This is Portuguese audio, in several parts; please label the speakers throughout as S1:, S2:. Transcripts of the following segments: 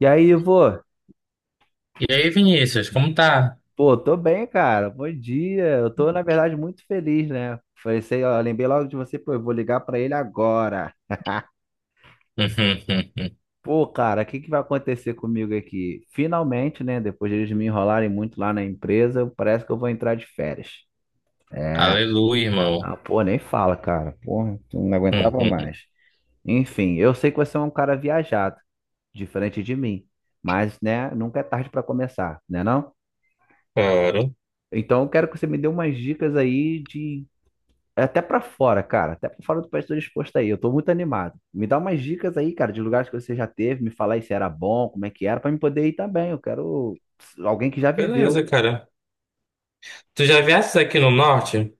S1: E aí, Ivo?
S2: E aí, Vinícius, como tá?
S1: Pô, tô bem, cara. Bom dia. Eu tô, na verdade, muito feliz, né? Pensei, ó, lembrei logo de você, pô, eu vou ligar pra ele agora. Pô, cara, o que que vai acontecer comigo aqui? Finalmente, né? Depois de eles me enrolarem muito lá na empresa, parece que eu vou entrar de férias. É.
S2: Aleluia, irmão.
S1: Ah, pô, nem fala, cara. Porra, eu não aguentava mais. Enfim, eu sei que você é um cara viajado, diferente de mim. Mas, né, nunca é tarde pra começar, né não?
S2: Claro.
S1: Então, eu quero que você me dê umas dicas aí de É até pra fora, cara. Até pra fora do país tô disposto aí. Eu tô muito animado. Me dá umas dicas aí, cara, de lugares que você já teve, me falar aí se era bom, como é que era, pra mim poder ir também. Eu quero alguém que já viveu.
S2: Beleza, cara. Tu já viesses aqui no norte?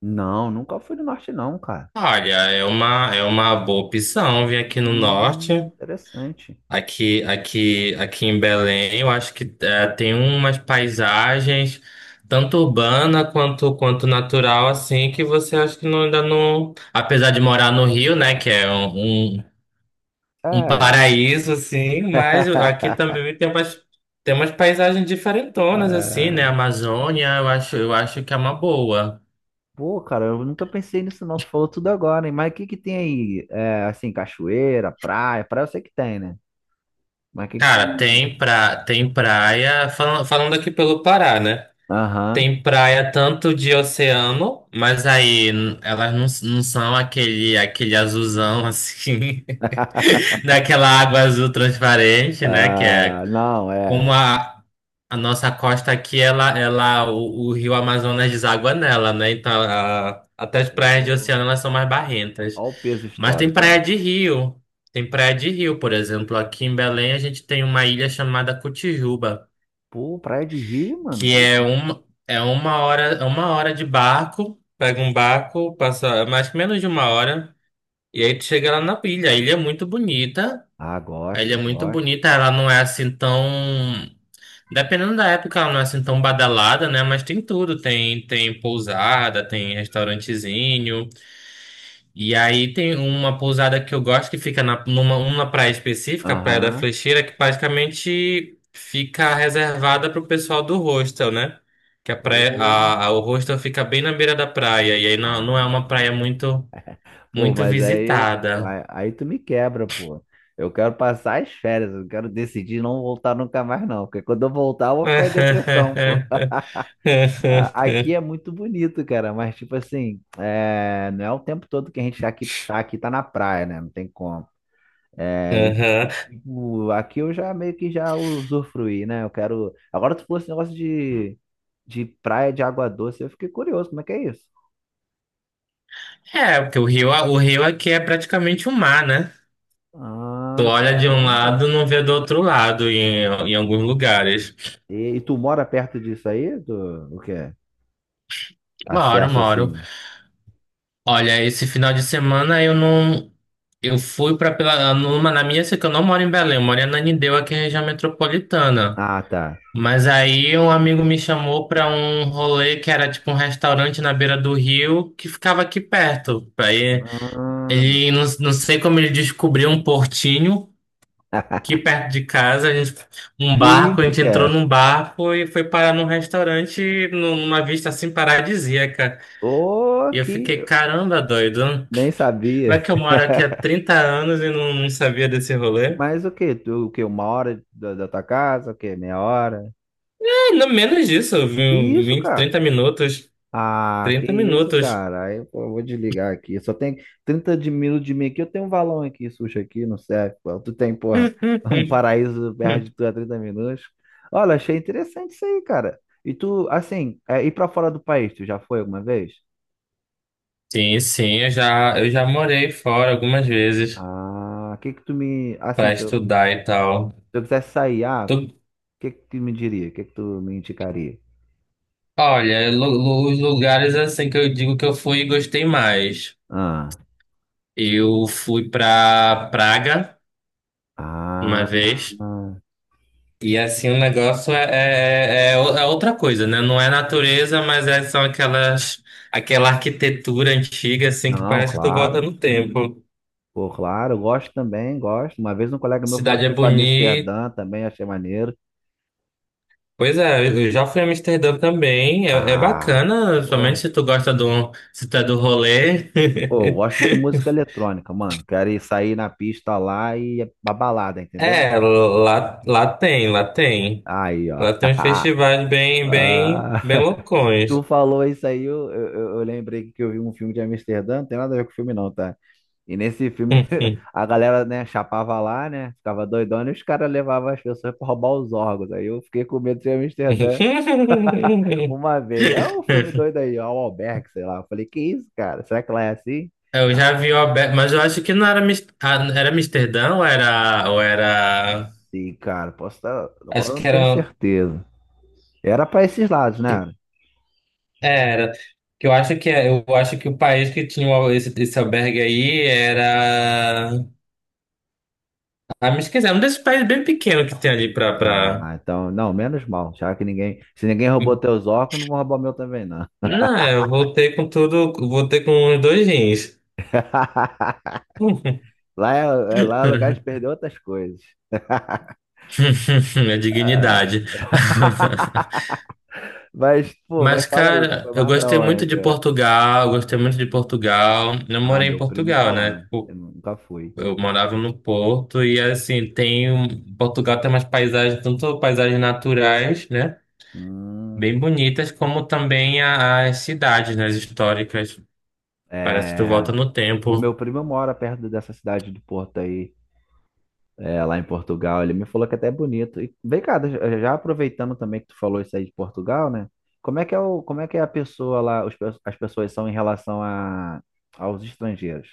S1: Não, nunca fui do norte, não, cara.
S2: Olha, é uma boa opção vir aqui no norte.
S1: Interessante.
S2: Aqui em Belém, eu acho que tem umas paisagens, tanto urbana quanto natural, assim, que você acha que não, ainda não. Apesar de morar no Rio, né, que é um um-
S1: É.
S2: paraíso, assim, mas aqui também tem umas paisagens diferentonas, assim, né?
S1: É.
S2: Amazônia, eu acho que é uma boa.
S1: Pô, cara, eu nunca pensei nisso, não. Tu falou tudo agora, hein? Mas o que que tem aí? É, assim, cachoeira, praia. Praia eu sei que tem, né? Mas o que
S2: Cara,
S1: que.
S2: tem, pra, tem praia, falando aqui pelo Pará, né?
S1: Aham.
S2: Tem praia tanto de oceano, mas aí elas não, não são aquele azulzão, assim, daquela água azul transparente, né? Que é
S1: Ah, não, é.
S2: como a nossa costa aqui, o rio Amazonas deságua nela, né? Então, até as praias de
S1: Pô.
S2: oceano, elas são mais barrentas.
S1: Olha o peso
S2: Mas tem
S1: histórico, ó.
S2: praia de rio. Tem praia de rio, por exemplo. Aqui em Belém, a gente tem uma ilha chamada Cotijuba,
S1: Pô, praia de rio, mano.
S2: que
S1: Que isso?
S2: é uma hora de barco. Pega um barco, passa é mais menos de uma hora, e aí tu chega lá na ilha. A ilha é muito bonita.
S1: Ah,
S2: A ilha é
S1: gosto,
S2: muito
S1: gosto.
S2: bonita, ela não é assim tão. Dependendo da época, ela não é assim tão badalada, né? Mas tem tudo. Tem pousada, tem restaurantezinho. E aí tem uma pousada que eu gosto que fica na, numa, uma praia específica, a Praia da
S1: Aham.
S2: Flecheira, que praticamente fica reservada pro pessoal do hostel, né? Que a praia,
S1: Pô.
S2: o hostel fica bem na beira da praia. E aí não, não
S1: Ah.
S2: é uma praia muito,
S1: Pô,
S2: muito
S1: mas aí, pô,
S2: visitada.
S1: aí tu me quebra, pô. Eu quero passar as férias, eu quero decidir não voltar nunca mais, não. Porque quando eu voltar, eu vou ficar em depressão, pô. A- Aqui é muito bonito, cara, mas tipo assim, é, não é o tempo todo que a gente tá aqui, tá na praia, né? Não tem como. É, e,
S2: Aham.
S1: tipo, aqui eu já meio que já usufruí, né? Eu quero. Agora, se fosse negócio de praia de água doce, eu fiquei curioso, como é que é isso?
S2: É, porque o rio aqui é praticamente um mar, né? Tu
S1: Ah,
S2: olha de um
S1: caramba.
S2: lado, não vê do outro lado em alguns lugares.
S1: E tu mora perto disso aí? Do, o quê?
S2: Moro,
S1: Acesso
S2: moro.
S1: assim.
S2: Olha, esse final de semana eu não. Eu fui pra numa na minha, sei que eu não moro em Belém, eu moro em Ananindeua, aqui em região metropolitana.
S1: Ah, tá.
S2: Mas aí um amigo me chamou pra um rolê que era tipo um restaurante na beira do rio que ficava aqui perto. Aí
S1: Ah,
S2: ele, não, não sei como ele descobriu um portinho. Aqui perto de casa, a gente, um
S1: que
S2: barco, a
S1: isso,
S2: gente entrou
S1: cara?
S2: num barco e foi parar num restaurante numa vista assim paradisíaca.
S1: Ô,
S2: E eu
S1: que
S2: fiquei, caramba, doido.
S1: nem
S2: Como é
S1: sabia.
S2: que eu moro aqui há 30 anos e não, não sabia desse rolê?
S1: Mas o quê? Tu, o quê? Uma hora da, da tua casa? O quê? Meia hora?
S2: É, no menos disso, eu
S1: Que
S2: vi
S1: isso,
S2: 20,
S1: cara?
S2: 30 minutos.
S1: Ah, que
S2: trinta
S1: isso,
S2: minutos.
S1: cara. Aí, pô, eu vou desligar aqui. Só tem 30 de minutos de mim aqui. Eu tenho um valão aqui, sushi aqui, não serve, pô. Tu tem, porra, um paraíso perto de tu a 30 minutos. Olha, achei interessante isso aí, cara. E tu, assim, é, ir pra fora do país, tu já foi alguma vez?
S2: Sim, sim, eu já morei fora algumas vezes
S1: Ah, o que que tu me. Assim,
S2: para
S1: se eu,
S2: estudar e tal.
S1: se eu quisesse sair, ah, o
S2: Tu-
S1: que que tu me diria? O que que tu me indicaria?
S2: olha, os lugares assim que eu digo que eu fui e gostei mais.
S1: Ah,
S2: Eu fui pra Praga uma
S1: ah,
S2: vez. E assim, o negócio é outra coisa, né? Não é natureza, mas é, são aquelas, aquela arquitetura antiga, assim, que
S1: não,
S2: parece que tu volta
S1: claro.
S2: no tempo.
S1: Pô, claro, eu gosto também, gosto. Uma vez um colega meu falou que
S2: Cidade é
S1: foi pra
S2: bonita.
S1: Amsterdã também, achei maneiro.
S2: Pois é, eu já fui a Amsterdã também. É, é
S1: Ah,
S2: bacana, somente
S1: pô,
S2: se tu gosta do, se tu é do rolê.
S1: pô, eu gosto de música eletrônica, mano. Quero ir sair na pista lá e ir pra balada, entendeu?
S2: É, lá tem.
S1: Aí, ó.
S2: Lá tem uns festivais bem, bem,
S1: Ah,
S2: bem
S1: tu
S2: loucões.
S1: falou isso aí, eu lembrei que eu vi um filme de Amsterdã, não tem nada a ver com o filme não, tá? E nesse filme a galera, né, chapava lá, né, ficava doidona e os caras levavam as pessoas pra roubar os órgãos. Aí eu fiquei com medo de Amsterdã. Uma vez. É o filme doido aí, ó, o Albergue, sei lá. Eu falei, que isso, cara? Será que lá é assim?
S2: Eu
S1: Ah,
S2: já vi o Alberto, mas eu acho que não era, ah, era Amsterdã ou ou
S1: não
S2: era.
S1: sei, cara. Posso estar. Agora eu
S2: Acho
S1: não
S2: que
S1: tenho
S2: era.
S1: certeza. Era pra esses lados,
S2: É,
S1: né?
S2: era. Que eu acho que eu acho que o país que tinha esse albergue aí era. Ah, me esqueci, é um desses países bem pequeno que tem ali pra, pra...
S1: Ah, então, não, menos mal. Já que ninguém. Se ninguém roubou teus óculos, não vão roubar o meu também, não.
S2: Não, é, eu voltei com tudo, voltei com os dois rins.
S1: Lá é, é- lá é lugar de perder outras coisas.
S2: A dignidade.
S1: Mas, pô, mas
S2: Mas,
S1: fala aí, tu
S2: cara,
S1: foi
S2: eu
S1: mais pra
S2: gostei muito
S1: onde,
S2: de
S1: né?
S2: Portugal, gostei muito de
S1: Hum.
S2: Portugal. Eu
S1: Ah,
S2: morei em
S1: meu primo tá
S2: Portugal, né?
S1: lá. Eu
S2: Tipo,
S1: nunca fui.
S2: eu morava no Porto e, assim, tem... Portugal tem umas paisagens, tanto paisagens naturais, né?
S1: Hum,
S2: Bem bonitas, como também as cidades, né? As históricas. Parece que tu
S1: é.
S2: volta no
S1: O
S2: tempo.
S1: meu primo mora perto dessa cidade do Porto aí, é, lá em Portugal. Ele me falou que até é bonito. E vem cá, já já aproveitando também que tu falou isso aí de Portugal, né? Como é que é o, como é que é a pessoa lá, os pe- as pessoas são em relação a, aos estrangeiros,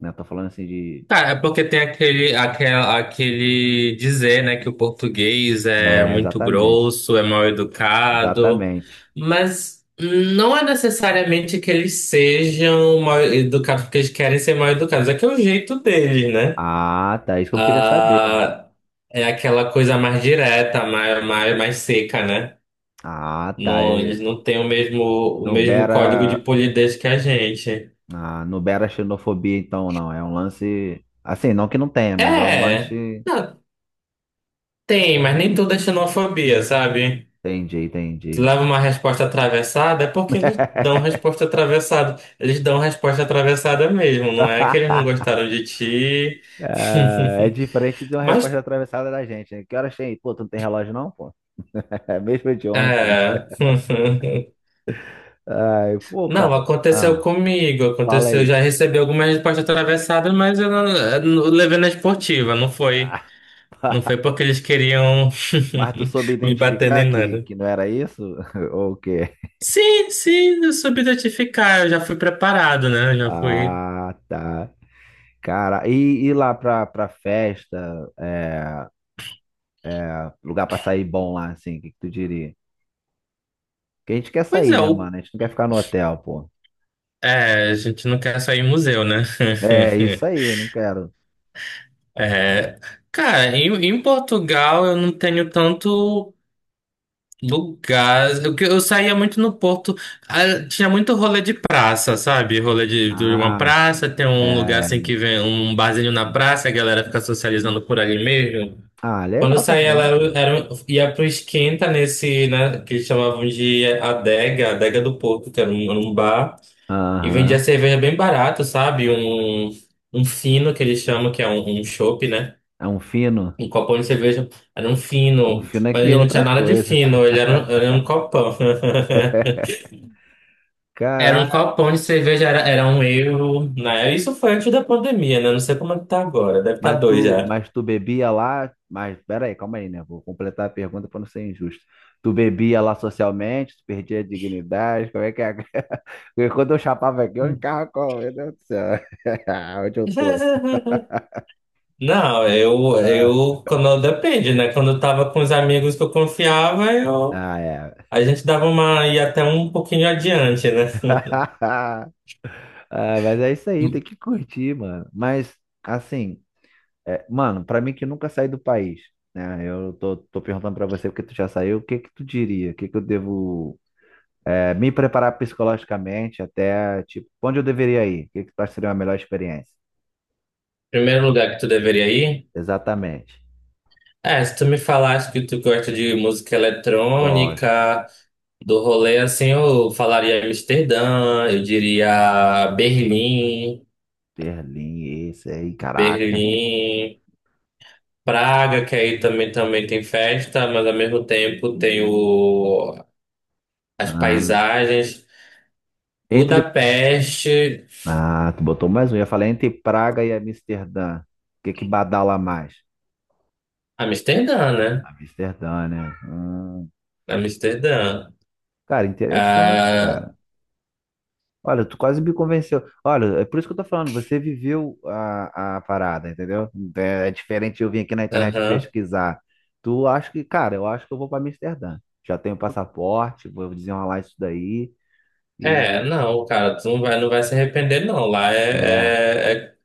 S1: né? Tô falando assim de,
S2: Cara, é porque tem aquele dizer, né, que o português é
S1: é,
S2: muito
S1: exatamente,
S2: grosso, é mal educado,
S1: exatamente.
S2: mas não é necessariamente que eles sejam mal educados porque eles querem ser mal educados, é que é o jeito deles, né?
S1: Ah, tá, isso que eu queria saber.
S2: Ah, é aquela coisa mais direta, mais seca, né?
S1: Ah, tá,
S2: Não,
S1: e
S2: eles não têm o
S1: não
S2: mesmo código de
S1: beira,
S2: polidez que a gente.
S1: ah, não beira xenofobia, então, não. É um lance, assim, não que não tenha, mas é um
S2: É,
S1: lance.
S2: não, tem, mas nem toda é xenofobia, sabe?
S1: Entendi, entendi.
S2: Leva uma resposta atravessada, é porque eles dão resposta atravessada. Eles dão resposta atravessada mesmo, não é que eles não
S1: Ah,
S2: gostaram de ti.
S1: é diferente de uma resposta
S2: Mas,
S1: atravessada da gente, né? Que horas tem? Pô, tu não tem relógio não, pô? É mesmo de ontem.
S2: é.
S1: Ai, pô, cara.
S2: Não, aconteceu
S1: Ah,
S2: comigo,
S1: fala
S2: aconteceu. Eu
S1: aí.
S2: já recebi algumas respostas atravessadas, mas eu não levei na esportiva, não foi.
S1: Ah,
S2: Não foi porque eles queriam
S1: mas tu soube
S2: me bater
S1: identificar
S2: nem nada.
S1: que não era isso? Ou o quê?
S2: Sim, sim, eu soube identificar, eu já fui preparado, né? Eu já fui.
S1: Ah, tá. Cara, e lá pra, pra festa, é, lugar pra sair bom lá, assim, o que, que tu diria? Porque a gente quer
S2: Pois
S1: sair,
S2: é,
S1: né,
S2: o
S1: mano? A gente não quer ficar no hotel, pô.
S2: é, a gente não quer sair em museu, né?
S1: É, isso aí, eu não quero.
S2: É, cara, em Portugal eu não tenho tanto lugar. Eu saía muito no Porto. Ah, tinha muito rolê de praça, sabe? Rolê de uma
S1: Ah,
S2: praça, tem um lugar
S1: é.
S2: assim que vem um barzinho na praça, a galera fica socializando por ali mesmo.
S1: Ah,
S2: Quando eu
S1: legal
S2: saía lá,
S1: também, pô.
S2: eu era, ia pro Esquenta nesse, né, que eles chamavam de Adega, Adega do Porto, que era um bar. E vendia
S1: Aham.
S2: cerveja bem barato, sabe? Um fino, que eles chamam, que é um chopp, né?
S1: É um fino.
S2: Um copão de cerveja. Era um
S1: Um
S2: fino.
S1: fino
S2: Mas
S1: aqui é
S2: ele não
S1: outra
S2: tinha nada de
S1: coisa.
S2: fino, ele era, era um copão. Era um
S1: Caraca.
S2: copão de cerveja, era um euro, né? Isso foi antes da pandemia, né? Não sei como é que tá agora, deve estar
S1: Mas
S2: dois
S1: tu,
S2: já.
S1: mas tu bebia lá. Mas pera aí, calma aí, né? Vou completar a pergunta para não ser injusto. Tu bebia lá socialmente, tu perdia a dignidade, como é que é? Porque quando eu chapava aqui, eu ficava com, meu Deus do céu. Onde eu tô?
S2: Não,
S1: Ah,
S2: quando, depende, né? Quando eu tava com os amigos que eu confiava,
S1: ah, é.
S2: a gente dava uma, ia até um pouquinho adiante, né?
S1: Ah, mas é isso aí, tem que curtir, mano. Mas, assim. É, mano, pra mim que nunca saí do país, né? Eu tô perguntando pra você porque tu já saiu, o que que tu diria? O que que eu devo é, me preparar psicologicamente até, tipo, onde eu deveria ir? O que que tu acha que seria uma melhor experiência?
S2: Primeiro lugar que tu deveria ir?
S1: Exatamente.
S2: É, se tu me falasse que tu gosta de música
S1: Gosto.
S2: eletrônica, do rolê assim, eu falaria Amsterdã, eu diria Berlim,
S1: Berlim, esse aí, caraca.
S2: Berlim, Praga, que aí também, também tem festa, mas ao mesmo tempo tem o, as
S1: Ah,
S2: paisagens,
S1: entre...
S2: Budapeste,
S1: Ah, tu botou mais um. Eu ia falar entre Praga e Amsterdã. O que que badala mais?
S2: Amsterdã, né?
S1: Amsterdã, né?
S2: Amsterdã.
S1: Cara, interessante,
S2: Ah,
S1: cara. Olha, tu quase me convenceu. Olha, é por isso que eu tô falando, você viveu a parada, entendeu? É, é diferente eu vir aqui na internet
S2: aham.
S1: pesquisar. Tu acha que, cara, eu acho que eu vou pra Amsterdã. Já tenho passaporte, vou desenrolar isso daí
S2: É,
S1: e
S2: não, cara, tu não vai, não vai se arrepender, não. Lá
S1: é.
S2: é, é, é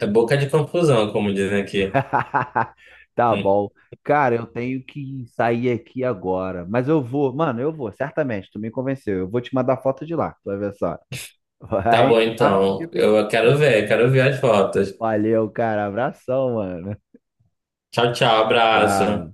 S2: É boca de confusão, como dizem aqui.
S1: Tá
S2: Hum.
S1: bom. Cara, eu tenho que sair aqui agora, mas eu vou, mano, eu vou, certamente, tu me convenceu. Eu vou te mandar foto de lá, tu vai ver só.
S2: Tá
S1: A
S2: bom,
S1: gente marca um dia
S2: então.
S1: pra gente se
S2: Eu
S1: encontrar também.
S2: quero ver as fotos.
S1: Valeu, cara. Abração, mano.
S2: Tchau, tchau, abraço.
S1: Tchau.